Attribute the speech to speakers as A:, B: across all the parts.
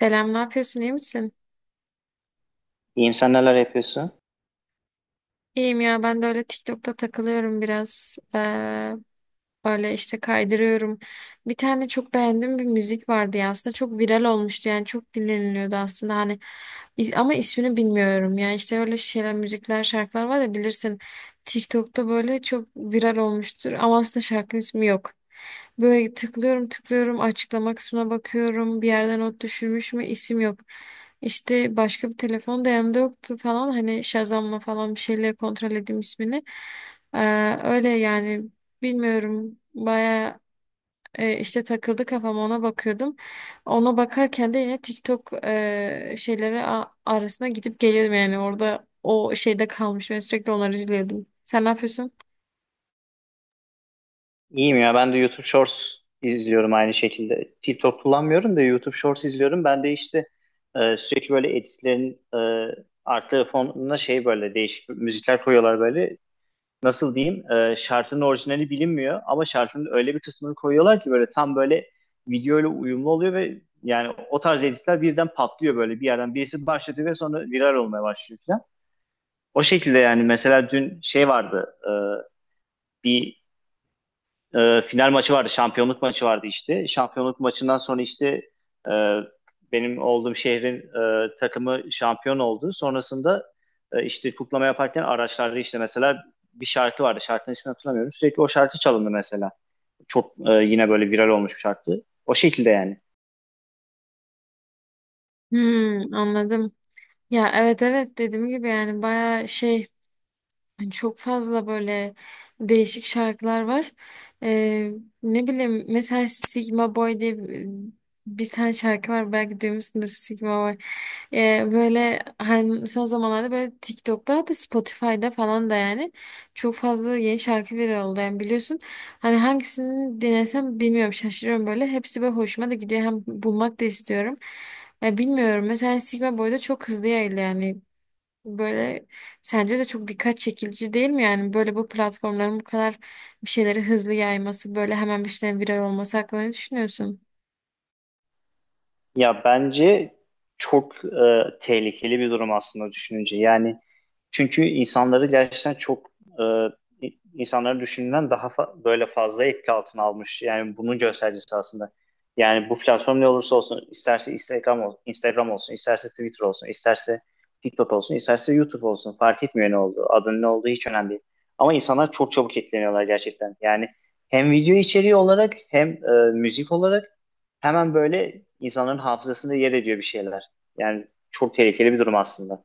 A: Selam, ne yapıyorsun? İyi misin?
B: İyiyim, sen neler yapıyorsun?
A: İyiyim ya, ben de öyle TikTok'ta takılıyorum biraz. Böyle işte kaydırıyorum. Bir tane çok beğendiğim bir müzik vardı ya, aslında çok viral olmuştu, yani çok dinleniliyordu aslında hani, ama ismini bilmiyorum ya, işte öyle şeyler, müzikler, şarkılar var ya, bilirsin, TikTok'ta böyle çok viral olmuştur ama aslında şarkının ismi yok. Böyle tıklıyorum tıklıyorum, açıklama kısmına bakıyorum, bir yerden not düşürmüş mü, isim yok. İşte başka bir telefon da yanımda yoktu falan, hani Shazam'la falan bir şeyle kontrol edeyim ismini. Öyle yani. Bilmiyorum. Baya işte takıldı kafam, ona bakıyordum. Ona bakarken de yine TikTok şeyleri arasına gidip geliyordum, yani orada o şeyde kalmış. Ben sürekli onları izliyordum. Sen ne yapıyorsun?
B: İyiyim ya, ben de YouTube Shorts izliyorum aynı şekilde. TikTok kullanmıyorum da YouTube Shorts izliyorum. Ben de işte sürekli böyle editlerin arka fonuna şey böyle değişik müzikler koyuyorlar böyle. Nasıl diyeyim? Şarkının orijinali bilinmiyor ama şarkının öyle bir kısmını koyuyorlar ki böyle tam böyle videoyla uyumlu oluyor ve yani o tarz editler birden patlıyor böyle bir yerden. Birisi başlatıyor ve sonra viral olmaya başlıyor falan. O şekilde yani, mesela dün şey vardı. Bir Final maçı vardı, şampiyonluk maçı vardı işte. Şampiyonluk maçından sonra işte e, benim olduğum şehrin takımı şampiyon oldu. Sonrasında işte kutlama yaparken araçlarda işte mesela bir şarkı vardı. Şarkının ismini hatırlamıyorum. Sürekli o şarkı çalındı mesela. Çok yine böyle viral olmuş bir şarkı. O şekilde yani.
A: Hmm, anladım. Ya evet evet, dediğim gibi yani baya şey. Yani çok fazla böyle değişik şarkılar var. Ee, ne bileyim, mesela Sigma Boy diye bir tane şarkı var, belki duymuşsundur, Sigma Boy. Böyle hani son zamanlarda böyle TikTok'ta, hatta Spotify'da falan da yani çok fazla yeni şarkı viral oldu, yani biliyorsun. Hani hangisini dinlesem bilmiyorum, şaşırıyorum böyle. Hepsi böyle hoşuma da gidiyor, hem bulmak da istiyorum. Ya bilmiyorum, mesela Sigma Boy'da çok hızlı yayıldı yani. Böyle, sence de çok dikkat çekici değil mi? Yani böyle bu platformların bu kadar bir şeyleri hızlı yayması, böyle hemen bir şeylerin viral olması hakkında ne düşünüyorsun?
B: Ya bence çok tehlikeli bir durum aslında düşününce. Yani çünkü insanları gerçekten çok insanları düşündüğünden daha böyle fazla etki altına almış. Yani bunun göstergesi aslında. Yani bu platform ne olursa olsun, isterse Instagram olsun, isterse Twitter olsun, isterse TikTok olsun, isterse YouTube olsun, fark etmiyor ne olduğu, adının ne olduğu hiç önemli değil. Ama insanlar çok çabuk etkileniyorlar gerçekten. Yani hem video içeriği olarak hem müzik olarak hemen böyle insanların hafızasında yer ediyor bir şeyler. Yani çok tehlikeli bir durum aslında.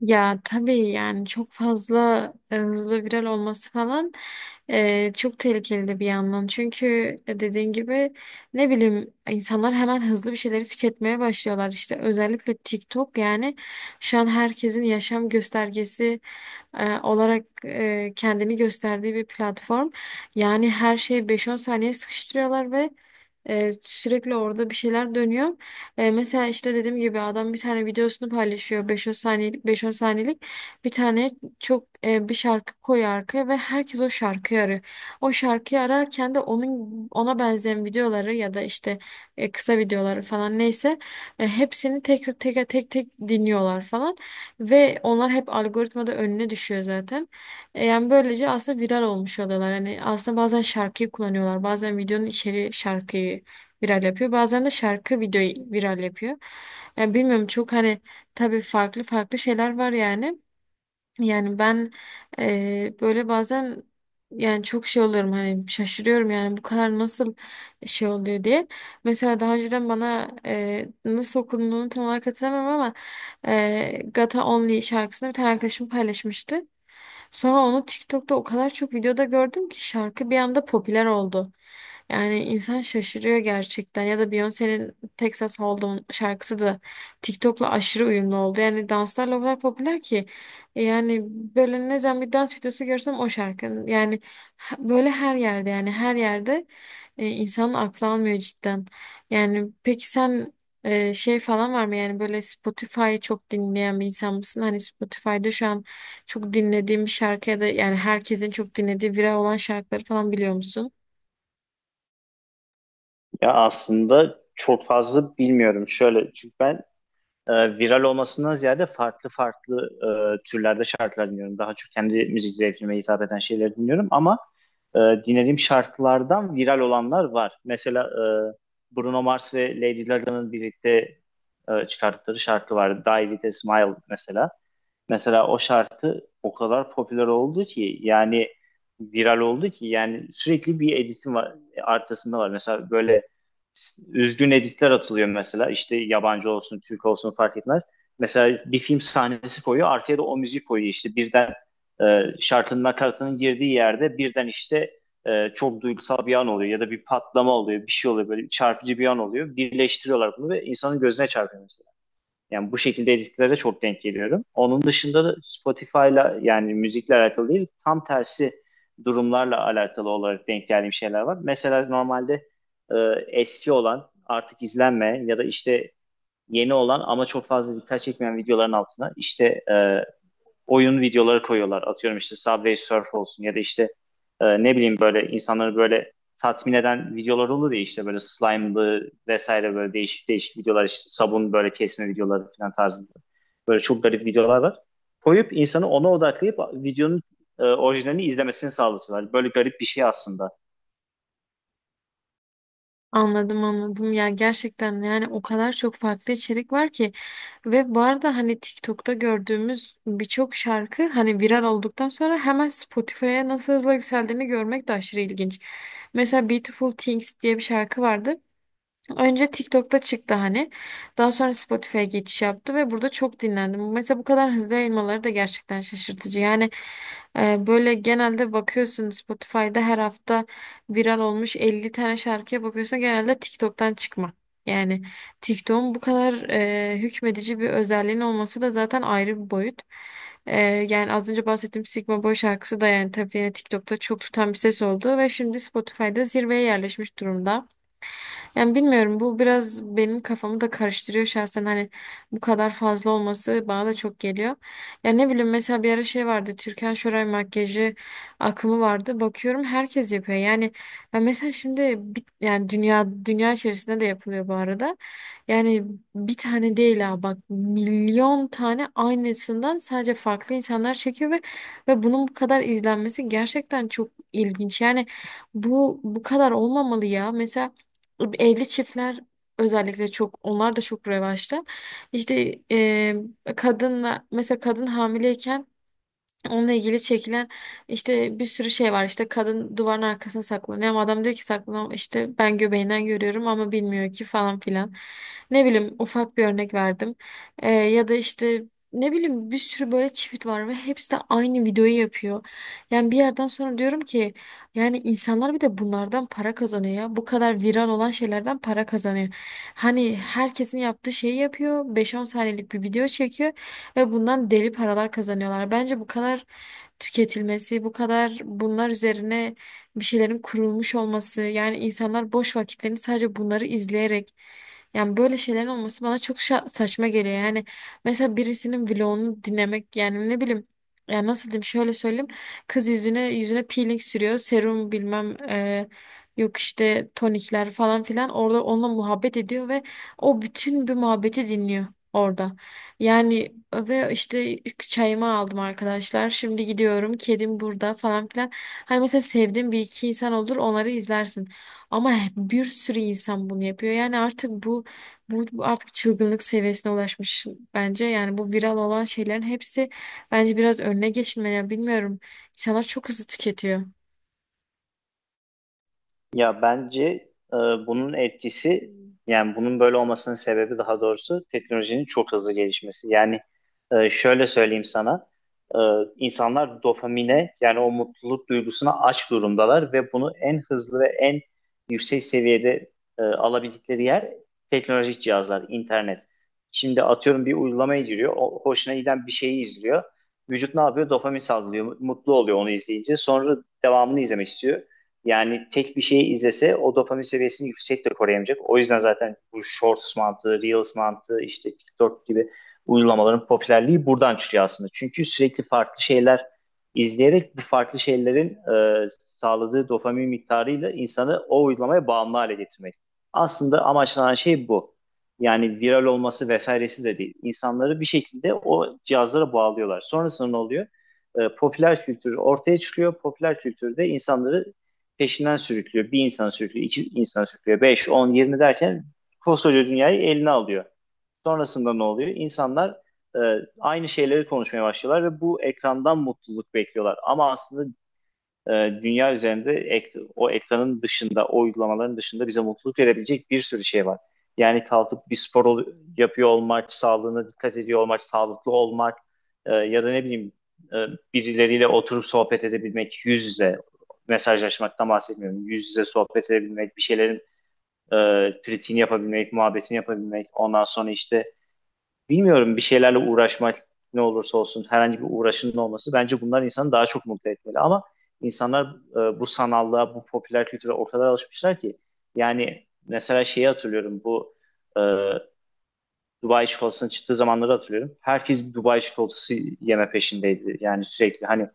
A: Ya tabii, yani çok fazla hızlı viral olması falan çok tehlikeli de bir yandan. Çünkü dediğin gibi, ne bileyim, insanlar hemen hızlı bir şeyleri tüketmeye başlıyorlar. İşte özellikle TikTok, yani şu an herkesin yaşam göstergesi olarak kendini gösterdiği bir platform. Yani her şeyi 5-10 saniye sıkıştırıyorlar ve sürekli orada bir şeyler dönüyor. Mesela işte dediğim gibi, adam bir tane videosunu paylaşıyor, 5-10 saniyelik bir tane çok bir şarkı koyuyor arkaya ve herkes o şarkıyı arıyor. O şarkıyı ararken de onun, ona benzeyen videoları, ya da işte kısa videoları falan, neyse, hepsini tekrar tek tek tek dinliyorlar falan ve onlar hep algoritmada önüne düşüyor zaten. Yani böylece aslında viral olmuş oluyorlar. Hani aslında bazen şarkıyı kullanıyorlar, bazen videonun içeriği şarkıyı viral yapıyor. Bazen de şarkı videoyu viral yapıyor. Yani bilmiyorum, çok hani, tabii farklı farklı şeyler var yani. Yani ben böyle bazen yani çok şey oluyorum, hani şaşırıyorum, yani bu kadar nasıl şey oluyor diye. Mesela daha önceden bana nasıl okunduğunu tam olarak hatırlamam ama Gata Only şarkısını bir tane arkadaşım paylaşmıştı. Sonra onu TikTok'ta o kadar çok videoda gördüm ki şarkı bir anda popüler oldu. Yani insan şaşırıyor gerçekten. Ya da Beyoncé'nin Texas Hold'em şarkısı da TikTok'la aşırı uyumlu oldu. Yani danslarla o kadar popüler ki. Yani böyle ne zaman bir dans videosu görsem o şarkının. Yani böyle her yerde, yani her yerde, insanın aklı almıyor cidden. Yani peki sen şey falan var mı? Yani böyle Spotify'ı çok dinleyen bir insan mısın? Hani Spotify'da şu an çok dinlediğim bir şarkıya da, yani herkesin çok dinlediği viral olan şarkıları falan biliyor musun?
B: Ya aslında çok fazla bilmiyorum. Şöyle, çünkü ben e, viral olmasından ziyade farklı farklı türlerde şarkılar dinliyorum. Daha çok kendi müzik zevkime hitap eden şeyleri dinliyorum, ama e, dinlediğim şarkılardan viral olanlar var. Mesela Bruno Mars ve Lady Gaga'nın birlikte çıkarttıkları şarkı vardı. Die With A Smile mesela. Mesela o şarkı o kadar popüler oldu ki, yani viral oldu ki, yani sürekli bir edisi var, arkasında var. Mesela böyle üzgün editler atılıyor mesela. İşte yabancı olsun, Türk olsun fark etmez. Mesela bir film sahnesi koyuyor, arkaya da o müzik koyuyor. İşte birden şarkının nakaratının girdiği yerde birden işte çok duygusal bir an oluyor, ya da bir patlama oluyor, bir şey oluyor böyle çarpıcı bir an oluyor. Birleştiriyorlar bunu ve insanın gözüne çarpıyor yani, bu şekilde editlere çok denk geliyorum. Onun dışında da Spotify'la yani müzikle alakalı değil, tam tersi durumlarla alakalı olarak denk geldiğim şeyler var. Mesela normalde e, eski olan artık izlenmeyen ya da işte yeni olan ama çok fazla dikkat çekmeyen videoların altına işte oyun videoları koyuyorlar. Atıyorum işte Subway Surf olsun, ya da işte ne bileyim, böyle insanları böyle tatmin eden videolar olur ya, işte böyle slime'lı vesaire böyle değişik değişik videolar, işte sabun böyle kesme videoları falan tarzında. Böyle çok garip videolar var. Koyup insanı ona odaklayıp videonun orijinalini izlemesini sağlatıyorlar. Böyle garip bir şey aslında.
A: Anladım anladım, ya gerçekten yani o kadar çok farklı içerik var ki. Ve bu arada hani TikTok'ta gördüğümüz birçok şarkı hani viral olduktan sonra hemen Spotify'a nasıl hızla yükseldiğini görmek de aşırı ilginç. Mesela Beautiful Things diye bir şarkı vardı. Önce TikTok'ta çıktı hani. Daha sonra Spotify'a geçiş yaptı ve burada çok dinlendim. Mesela bu kadar hızlı yayılmaları da gerçekten şaşırtıcı. Yani böyle genelde bakıyorsun, Spotify'da her hafta viral olmuş 50 tane şarkıya bakıyorsun, genelde TikTok'tan çıkma. Yani TikTok'un bu kadar hükmedici bir özelliğin olması da zaten ayrı bir boyut. E, yani az önce bahsettiğim Sigma Boy şarkısı da yani tabii yine TikTok'ta çok tutan bir ses oldu ve şimdi Spotify'da zirveye yerleşmiş durumda. Yani bilmiyorum, bu biraz benim kafamı da karıştırıyor şahsen, hani bu kadar fazla olması bana da çok geliyor. Ya ne bileyim, mesela bir ara şey vardı, Türkan Şoray makyajı akımı vardı. Bakıyorum, herkes yapıyor. Yani ya mesela şimdi yani dünya içerisinde de yapılıyor bu arada. Yani bir tane değil ha bak, milyon tane aynısından sadece farklı insanlar çekiyor ve bunun bu kadar izlenmesi gerçekten çok ilginç. Yani bu kadar olmamalı ya. Mesela evli çiftler özellikle çok, onlar da çok revaçta. İşte kadınla, mesela kadın hamileyken onunla ilgili çekilen işte bir sürü şey var. İşte kadın duvarın arkasına saklanıyor ama adam diyor ki, saklan işte, ben göbeğinden görüyorum ama bilmiyor ki falan filan. Ne bileyim, ufak bir örnek verdim. Ya da işte ne bileyim, bir sürü böyle çift var ve hepsi de aynı videoyu yapıyor. Yani bir yerden sonra diyorum ki, yani insanlar bir de bunlardan para kazanıyor ya. Bu kadar viral olan şeylerden para kazanıyor. Hani herkesin yaptığı şeyi yapıyor, 5-10 saniyelik bir video çekiyor ve bundan deli paralar kazanıyorlar. Bence bu kadar tüketilmesi, bu kadar bunlar üzerine bir şeylerin kurulmuş olması, yani insanlar boş vakitlerini sadece bunları izleyerek, yani böyle şeylerin olması bana çok saçma geliyor. Yani mesela birisinin vlogunu dinlemek, yani ne bileyim, yani nasıl diyeyim, şöyle söyleyeyim. Kız yüzüne peeling sürüyor. Serum bilmem yok işte, tonikler falan filan. Orada onunla muhabbet ediyor ve o bütün bir muhabbeti dinliyor orada. Yani ve işte çayımı aldım arkadaşlar. Şimdi gidiyorum. Kedim burada falan filan. Hani mesela sevdiğin bir iki insan olur, onları izlersin. Ama bir sürü insan bunu yapıyor. Yani artık bu artık çılgınlık seviyesine ulaşmış bence. Yani bu viral olan şeylerin hepsi bence biraz önüne geçilmeli. Yani bilmiyorum. İnsanlar çok hızlı tüketiyor.
B: Ya bence bunun etkisi, yani bunun böyle olmasının sebebi daha doğrusu, teknolojinin çok hızlı gelişmesi. Yani şöyle söyleyeyim sana. e, insanlar dopamine, yani o mutluluk duygusuna aç durumdalar ve bunu en hızlı ve en yüksek seviyede alabildikleri yer teknolojik cihazlar, internet. Şimdi atıyorum bir uygulamaya giriyor, o, hoşuna giden bir şeyi izliyor. Vücut ne yapıyor? Dopamin salgılıyor, mutlu oluyor onu izleyince. Sonra devamını izlemek istiyor. Yani tek bir şeyi izlese o dopamin seviyesini yüksek de koruyamayacak. O yüzden zaten bu Shorts mantığı, Reels mantığı, işte TikTok gibi uygulamaların popülerliği buradan çıkıyor aslında. Çünkü sürekli farklı şeyler izleyerek bu farklı şeylerin e, sağladığı dopamin miktarıyla insanı o uygulamaya bağımlı hale getirmek. Aslında amaçlanan şey bu. Yani viral olması vesairesi de değil. İnsanları bir şekilde o cihazlara bağlıyorlar. Sonrasında ne oluyor? Popüler kültür ortaya çıkıyor. Popüler kültürde insanları peşinden sürüklüyor. Bir insan sürüklüyor, iki insan sürüklüyor, beş, on, yirmi derken koskoca dünyayı eline alıyor. Sonrasında ne oluyor? İnsanlar e, aynı şeyleri konuşmaya başlıyorlar ve bu ekrandan mutluluk bekliyorlar. Ama aslında e, dünya üzerinde o ekranın dışında, o uygulamaların dışında bize mutluluk verebilecek bir sürü şey var. Yani kalkıp bir yapıyor olmak, sağlığına dikkat ediyor olmak, sağlıklı olmak, ya da ne bileyim, e, birileriyle oturup sohbet edebilmek, yüz yüze mesajlaşmaktan bahsetmiyorum. Yüz yüze sohbet edebilmek, bir şeylerin e, kritiğini yapabilmek, muhabbetini yapabilmek, ondan sonra işte bilmiyorum, bir şeylerle uğraşmak, ne olursa olsun herhangi bir uğraşının olması, bence bunlar insanı daha çok mutlu etmeli. Ama insanlar bu sanallığa, bu popüler kültüre o kadar alışmışlar ki, yani mesela şeyi hatırlıyorum, bu e, Dubai çikolatasının çıktığı zamanları hatırlıyorum. Herkes Dubai çikolatası yeme peşindeydi. Yani sürekli, hani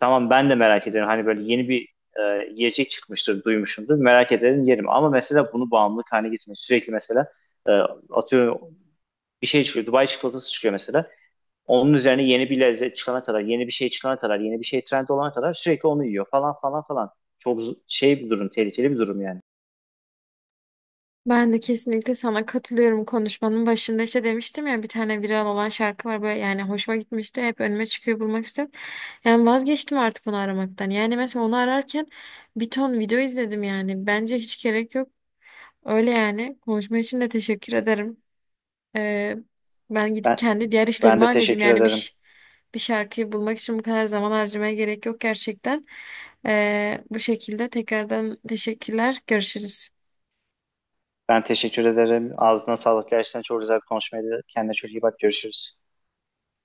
B: tamam ben de merak ediyorum. Hani böyle yeni bir yiyecek çıkmıştır, duymuşumdur. Merak ederim, yerim. Ama mesela bunu bağımlılık haline getirmek. Sürekli mesela e, atıyorum bir şey çıkıyor. Dubai çikolatası çıkıyor mesela. Onun üzerine yeni bir lezzet çıkana kadar, yeni bir şey çıkana kadar, yeni bir şey trend olana kadar sürekli onu yiyor falan falan falan. Çok şey bir durum, tehlikeli bir durum yani.
A: Ben de kesinlikle sana katılıyorum, konuşmanın başında işte demiştim ya, bir tane viral olan şarkı var böyle, yani hoşuma gitmişti, hep önüme çıkıyor, bulmak istiyorum. Yani vazgeçtim artık onu aramaktan. Yani mesela onu ararken bir ton video izledim, yani bence hiç gerek yok öyle. Yani konuşma için de teşekkür ederim. Ee, ben gidip
B: Ben
A: kendi diğer
B: ben
A: işlerimi
B: de
A: halledim
B: teşekkür
A: yani.
B: ederim.
A: Bir şarkıyı bulmak için bu kadar zaman harcamaya gerek yok gerçekten. Bu şekilde tekrardan teşekkürler, görüşürüz.
B: Ben teşekkür ederim. Ağzına sağlık. Gerçekten çok güzel bir konuşmaydı. Kendine çok iyi bak. Görüşürüz.